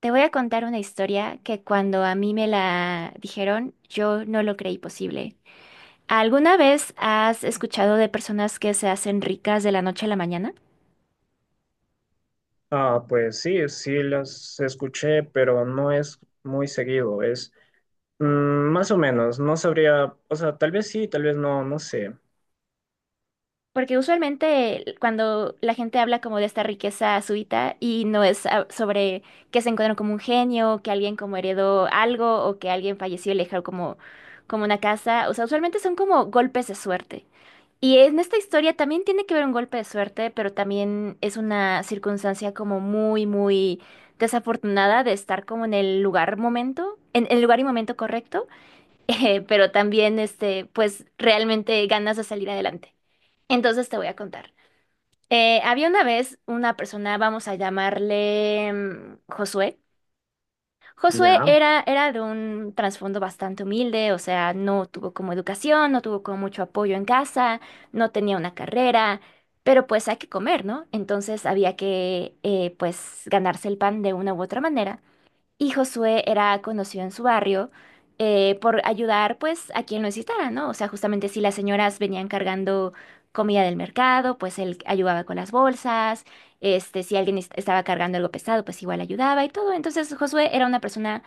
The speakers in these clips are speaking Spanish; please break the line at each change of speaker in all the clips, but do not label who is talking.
Te voy a contar una historia que cuando a mí me la dijeron, yo no lo creí posible. ¿Alguna vez has escuchado de personas que se hacen ricas de la noche a la mañana?
Ah, pues sí, sí las escuché, pero no es muy seguido, es mm, más o menos, no sabría, o sea, tal vez sí, tal vez no, no sé,
Porque usualmente cuando la gente habla como de esta riqueza súbita y no es sobre que se encuentran como un genio, que alguien como heredó algo o que alguien falleció y le dejó como, como una casa, o sea, usualmente son como golpes de suerte. Y en esta historia también tiene que ver un golpe de suerte, pero también es una circunstancia como muy, muy desafortunada de estar como en el lugar momento, en el lugar y momento correcto, pero también este, pues realmente ganas de salir adelante. Entonces te voy a contar. Había una vez una persona, vamos a llamarle Josué. Josué
ya.
era de un trasfondo bastante humilde, o sea, no tuvo como educación, no tuvo como mucho apoyo en casa, no tenía una carrera, pero pues hay que comer, ¿no? Entonces había que pues ganarse el pan de una u otra manera. Y Josué era conocido en su barrio por ayudar pues a quien lo necesitara, ¿no? O sea, justamente si las señoras venían cargando comida del mercado, pues él ayudaba con las bolsas, este, si alguien estaba cargando algo pesado, pues igual ayudaba y todo. Entonces Josué era una persona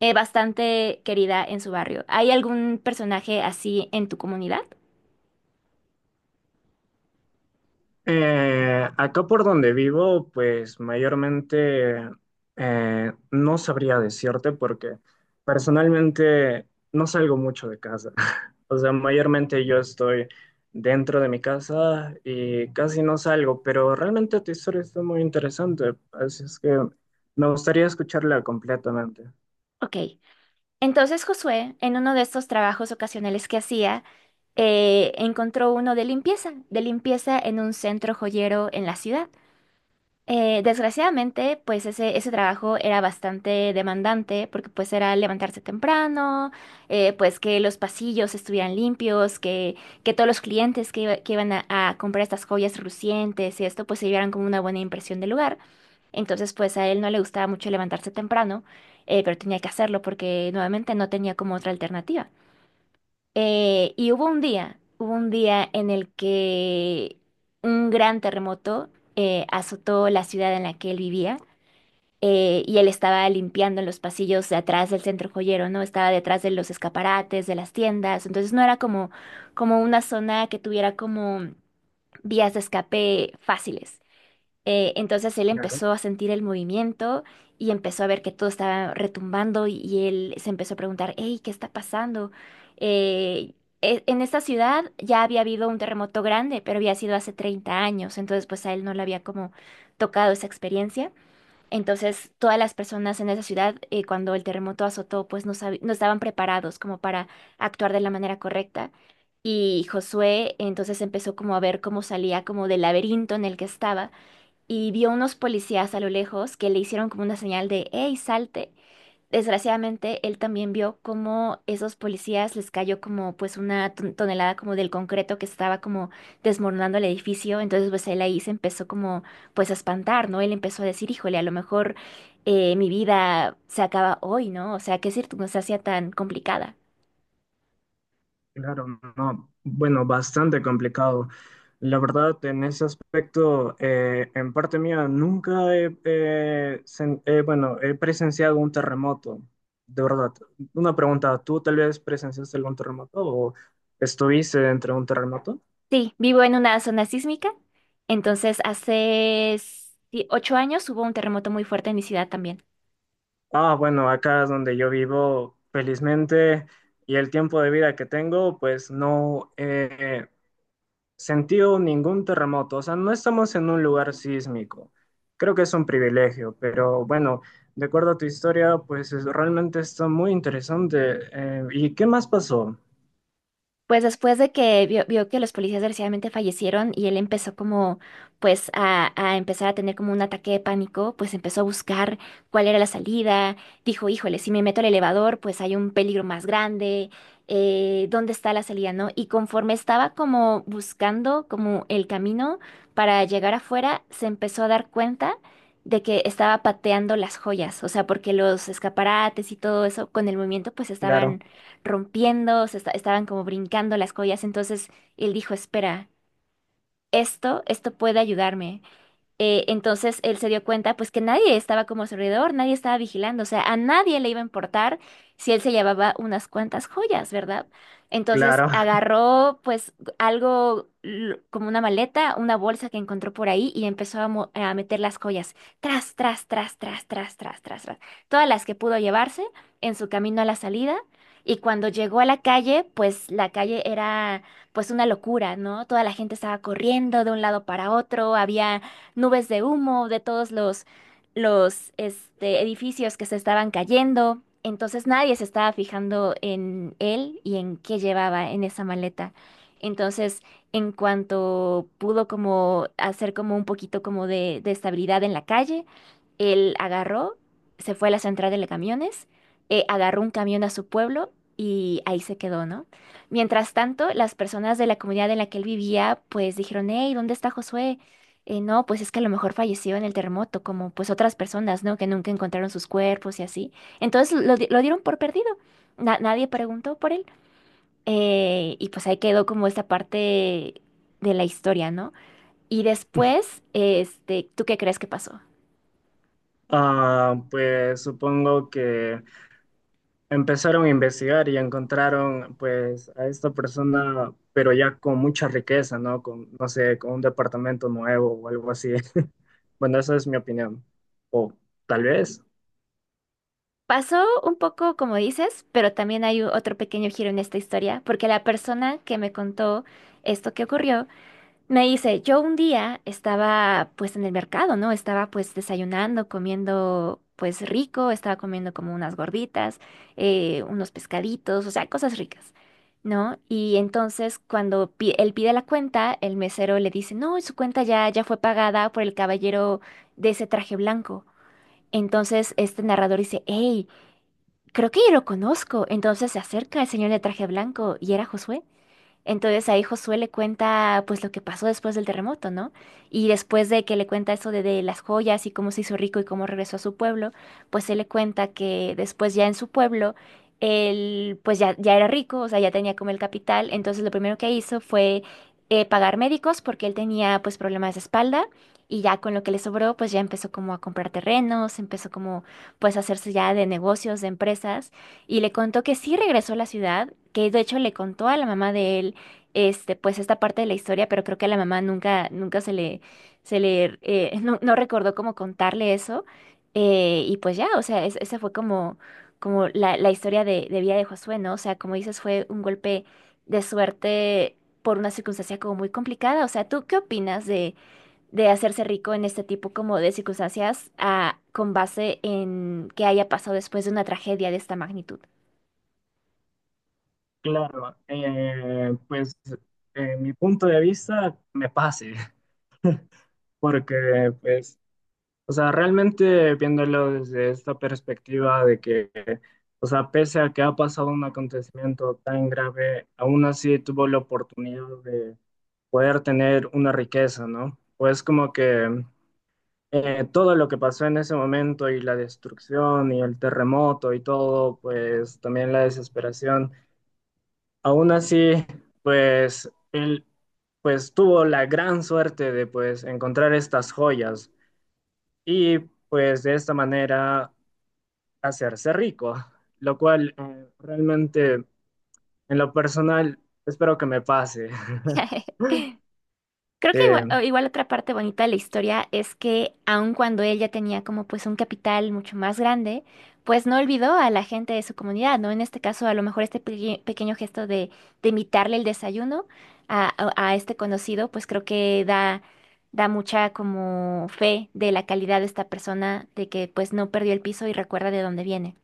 bastante querida en su barrio. ¿Hay algún personaje así en tu comunidad?
Acá por donde vivo, pues mayormente no sabría decirte porque personalmente no salgo mucho de casa. O sea, mayormente yo estoy dentro de mi casa y casi no salgo, pero realmente tu historia está muy interesante, así es que me gustaría escucharla completamente.
Ok. Entonces Josué, en uno de estos trabajos ocasionales que hacía, encontró uno de limpieza en un centro joyero en la ciudad. Desgraciadamente, pues ese trabajo era bastante demandante porque pues era levantarse temprano, pues que los pasillos estuvieran limpios, que todos los clientes que, que iban a comprar estas joyas relucientes y esto pues se llevaran como una buena impresión del lugar. Entonces pues a él no le gustaba mucho levantarse temprano, pero tenía que hacerlo porque nuevamente no tenía como otra alternativa. Y hubo un día en el que un gran terremoto azotó la ciudad en la que él vivía y él estaba limpiando en los pasillos de atrás del centro joyero, ¿no? Estaba detrás de los escaparates, de las tiendas, entonces no era como, como una zona que tuviera como vías de escape fáciles. Entonces él
Claro.
empezó a sentir el movimiento y empezó a ver que todo estaba retumbando y él se empezó a preguntar, hey, ¿qué está pasando? Eh, en esta ciudad ya había habido un terremoto grande, pero había sido hace 30 años, entonces pues a él no le había como tocado esa experiencia. Entonces todas las personas en esa ciudad cuando el terremoto azotó pues no, no estaban preparados como para actuar de la manera correcta. Y Josué entonces empezó como a ver cómo salía como del laberinto en el que estaba y vio unos policías a lo lejos que le hicieron como una señal de, hey, salte. Desgraciadamente, él también vio cómo esos policías les cayó como pues una tonelada como del concreto que estaba como desmoronando el edificio. Entonces, pues él ahí se empezó como pues a espantar, ¿no? Él empezó a decir, híjole, a lo mejor mi vida se acaba hoy, ¿no? O sea, qué circunstancia tan complicada.
Claro, no, bueno, bastante complicado. La verdad, en ese aspecto, en parte mía, nunca he, sen- bueno, he presenciado un terremoto, de verdad. Una pregunta, ¿tú tal vez presenciaste algún terremoto o estuviste dentro de un terremoto?
Sí, vivo en una zona sísmica. Entonces, hace sí, 8 años hubo un terremoto muy fuerte en mi ciudad también.
Ah, bueno, acá es donde yo vivo, felizmente, y el tiempo de vida que tengo, pues no, sentido ningún terremoto, o sea, no estamos en un lugar sísmico. Creo que es un privilegio, pero bueno, de acuerdo a tu historia, realmente está muy interesante. ¿Y qué más pasó?
Pues después de que vio que los policías desgraciadamente fallecieron y él empezó como pues a empezar a tener como un ataque de pánico, pues empezó a buscar cuál era la salida, dijo, híjole, si me meto al elevador pues hay un peligro más grande, ¿dónde está la salida, no? Y conforme estaba como buscando como el camino para llegar afuera, se empezó a dar cuenta de que estaba pateando las joyas, o sea, porque los escaparates y todo eso con el movimiento pues
Claro,
estaban rompiendo, se estaban como brincando las collas. Entonces él dijo, espera, esto puede ayudarme. Entonces él se dio cuenta pues que nadie estaba como a su alrededor, nadie estaba vigilando, o sea, a nadie le iba a importar si él se llevaba unas cuantas joyas, ¿verdad? Entonces
claro.
agarró pues algo como una maleta, una bolsa que encontró por ahí y empezó a, a meter las joyas, tras, tras, tras, tras, tras, tras, tras, tras, todas las que pudo llevarse en su camino a la salida. Y cuando llegó a la calle, pues la calle era pues una locura, ¿no? Toda la gente estaba corriendo de un lado para otro, había nubes de humo de todos los este, edificios que se estaban cayendo. Entonces nadie se estaba fijando en él y en qué llevaba en esa maleta. Entonces, en cuanto pudo como hacer como un poquito como de estabilidad en la calle, él agarró, se fue a la central de camiones, agarró un camión a su pueblo y ahí se quedó, ¿no? Mientras tanto, las personas de la comunidad en la que él vivía, pues dijeron, hey, ¿dónde está Josué? No, pues es que a lo mejor falleció en el terremoto, como pues otras personas, ¿no? Que nunca encontraron sus cuerpos y así. Entonces lo dieron por perdido. Nadie preguntó por él. Y pues ahí quedó como esta parte de la historia, ¿no? Y después, este, ¿tú qué crees que pasó?
Ah, pues supongo que empezaron a investigar y encontraron pues a esta persona, pero ya con mucha riqueza, ¿no? Con, no sé, con un departamento nuevo o algo así. Bueno, esa es mi opinión. O tal vez.
Pasó un poco como dices, pero también hay otro pequeño giro en esta historia, porque la persona que me contó esto que ocurrió, me dice, yo un día estaba pues en el mercado, ¿no? Estaba pues desayunando, comiendo pues rico, estaba comiendo como unas gorditas, unos pescaditos, o sea, cosas ricas, ¿no? Y entonces cuando él pide la cuenta, el mesero le dice, no, su cuenta ya fue pagada por el caballero de ese traje blanco. Entonces este narrador dice, hey, creo que yo lo conozco. Entonces se acerca el señor de traje blanco y era Josué. Entonces ahí Josué le cuenta pues lo que pasó después del terremoto, ¿no? Y después de que le cuenta eso de las joyas y cómo se hizo rico y cómo regresó a su pueblo, pues él le cuenta que después ya en su pueblo, él pues ya era rico, o sea, ya tenía como el capital, entonces lo primero que hizo fue pagar médicos porque él tenía pues problemas de espalda y ya con lo que le sobró pues ya empezó como a comprar terrenos, empezó como pues a hacerse ya de negocios, de empresas y le contó que sí regresó a la ciudad, que de hecho le contó a la mamá de él este, pues esta parte de la historia, pero creo que a la mamá nunca se le, no recordó cómo contarle eso. Y pues ya, o sea, esa fue como, como la historia de vida de Josué, ¿no? O sea, como dices, fue un golpe de suerte por una circunstancia como muy complicada. O sea, ¿tú qué opinas de hacerse rico en este tipo como de circunstancias con base en que haya pasado después de una tragedia de esta magnitud?
Claro, pues en mi punto de vista me pase, porque pues, o sea, realmente viéndolo desde esta perspectiva de que, o sea, pese a que ha pasado un acontecimiento tan grave, aún así tuvo la oportunidad de poder tener una riqueza, ¿no? Pues como que todo lo que pasó en ese momento y la destrucción y el terremoto y todo, pues también la desesperación. Aún así, pues él pues tuvo la gran suerte de pues encontrar estas joyas y pues de esta manera hacerse rico, lo cual realmente en lo personal espero que me pase.
Creo
Sí.
que igual, o igual otra parte bonita de la historia es que aun cuando él ya tenía como pues un capital mucho más grande, pues no olvidó a la gente de su comunidad, ¿no? En este caso, a lo mejor este pequeño gesto de invitarle el desayuno a, a este conocido, pues creo que da, da mucha como fe de la calidad de esta persona, de que pues no perdió el piso y recuerda de dónde viene.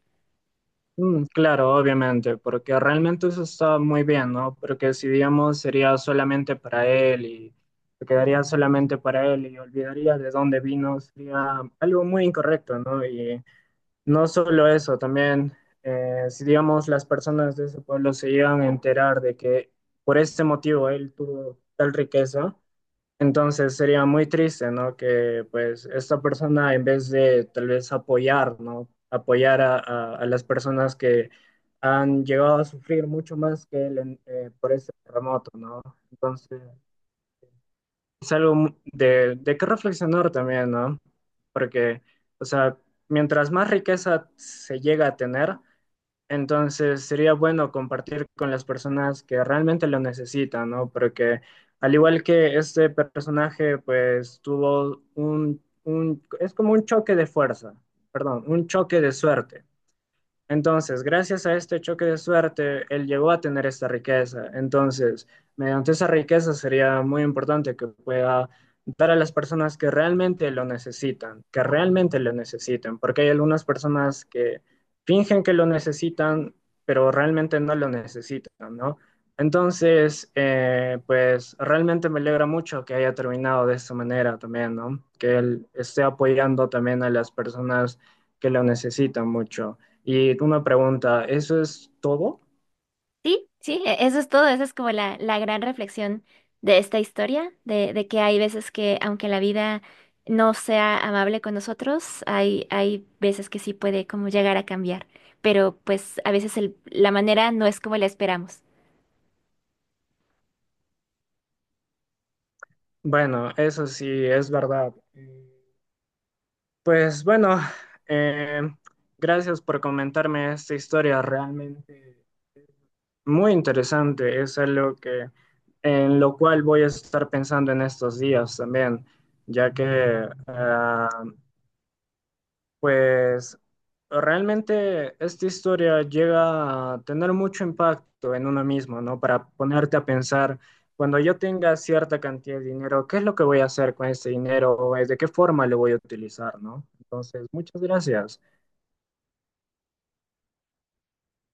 Mm, claro, obviamente, porque realmente eso está muy bien, ¿no? Porque si digamos sería solamente para él y se quedaría solamente para él y olvidaría de dónde vino, sería algo muy incorrecto, ¿no? Y no solo eso, también si digamos las personas de ese pueblo se llegan a enterar de que por este motivo él tuvo tal riqueza, entonces sería muy triste, ¿no? Que pues esta persona en vez de tal vez apoyar, ¿no? Apoyar a las personas que han llegado a sufrir mucho más que él por este terremoto, ¿no? Entonces es algo de qué reflexionar también, ¿no? Porque, o sea, mientras más riqueza se llega a tener, entonces sería bueno compartir con las personas que realmente lo necesitan, ¿no? Porque al igual que este personaje, pues tuvo es como un choque de fuerza, perdón, un choque de suerte. Entonces, gracias a este choque de suerte, él llegó a tener esta riqueza. Entonces, mediante esa riqueza sería muy importante que pueda dar a las personas que realmente lo necesitan, que realmente lo necesiten, porque hay algunas personas que fingen que lo necesitan, pero realmente no lo necesitan, ¿no? Entonces, pues realmente me alegra mucho que haya terminado de esta manera también, ¿no? Que él esté apoyando también a las personas que lo necesitan mucho. Y una pregunta, ¿eso es todo?
Sí, sí, eso es todo, esa es como la gran reflexión de esta historia, de que hay veces que aunque la vida no sea amable con nosotros, hay veces que sí puede como llegar a cambiar, pero pues a veces la manera no es como la esperamos.
Bueno, eso sí, es verdad. Pues bueno, eh, gracias por comentarme esta historia realmente muy interesante. Es algo que, en lo cual voy a estar pensando en estos días también, ya que pues realmente esta historia llega a tener mucho impacto en uno mismo, ¿no? Para ponerte a pensar, cuando yo tenga cierta cantidad de dinero, ¿qué es lo que voy a hacer con este dinero? ¿O de qué forma lo voy a utilizar, ¿no? Entonces, muchas gracias.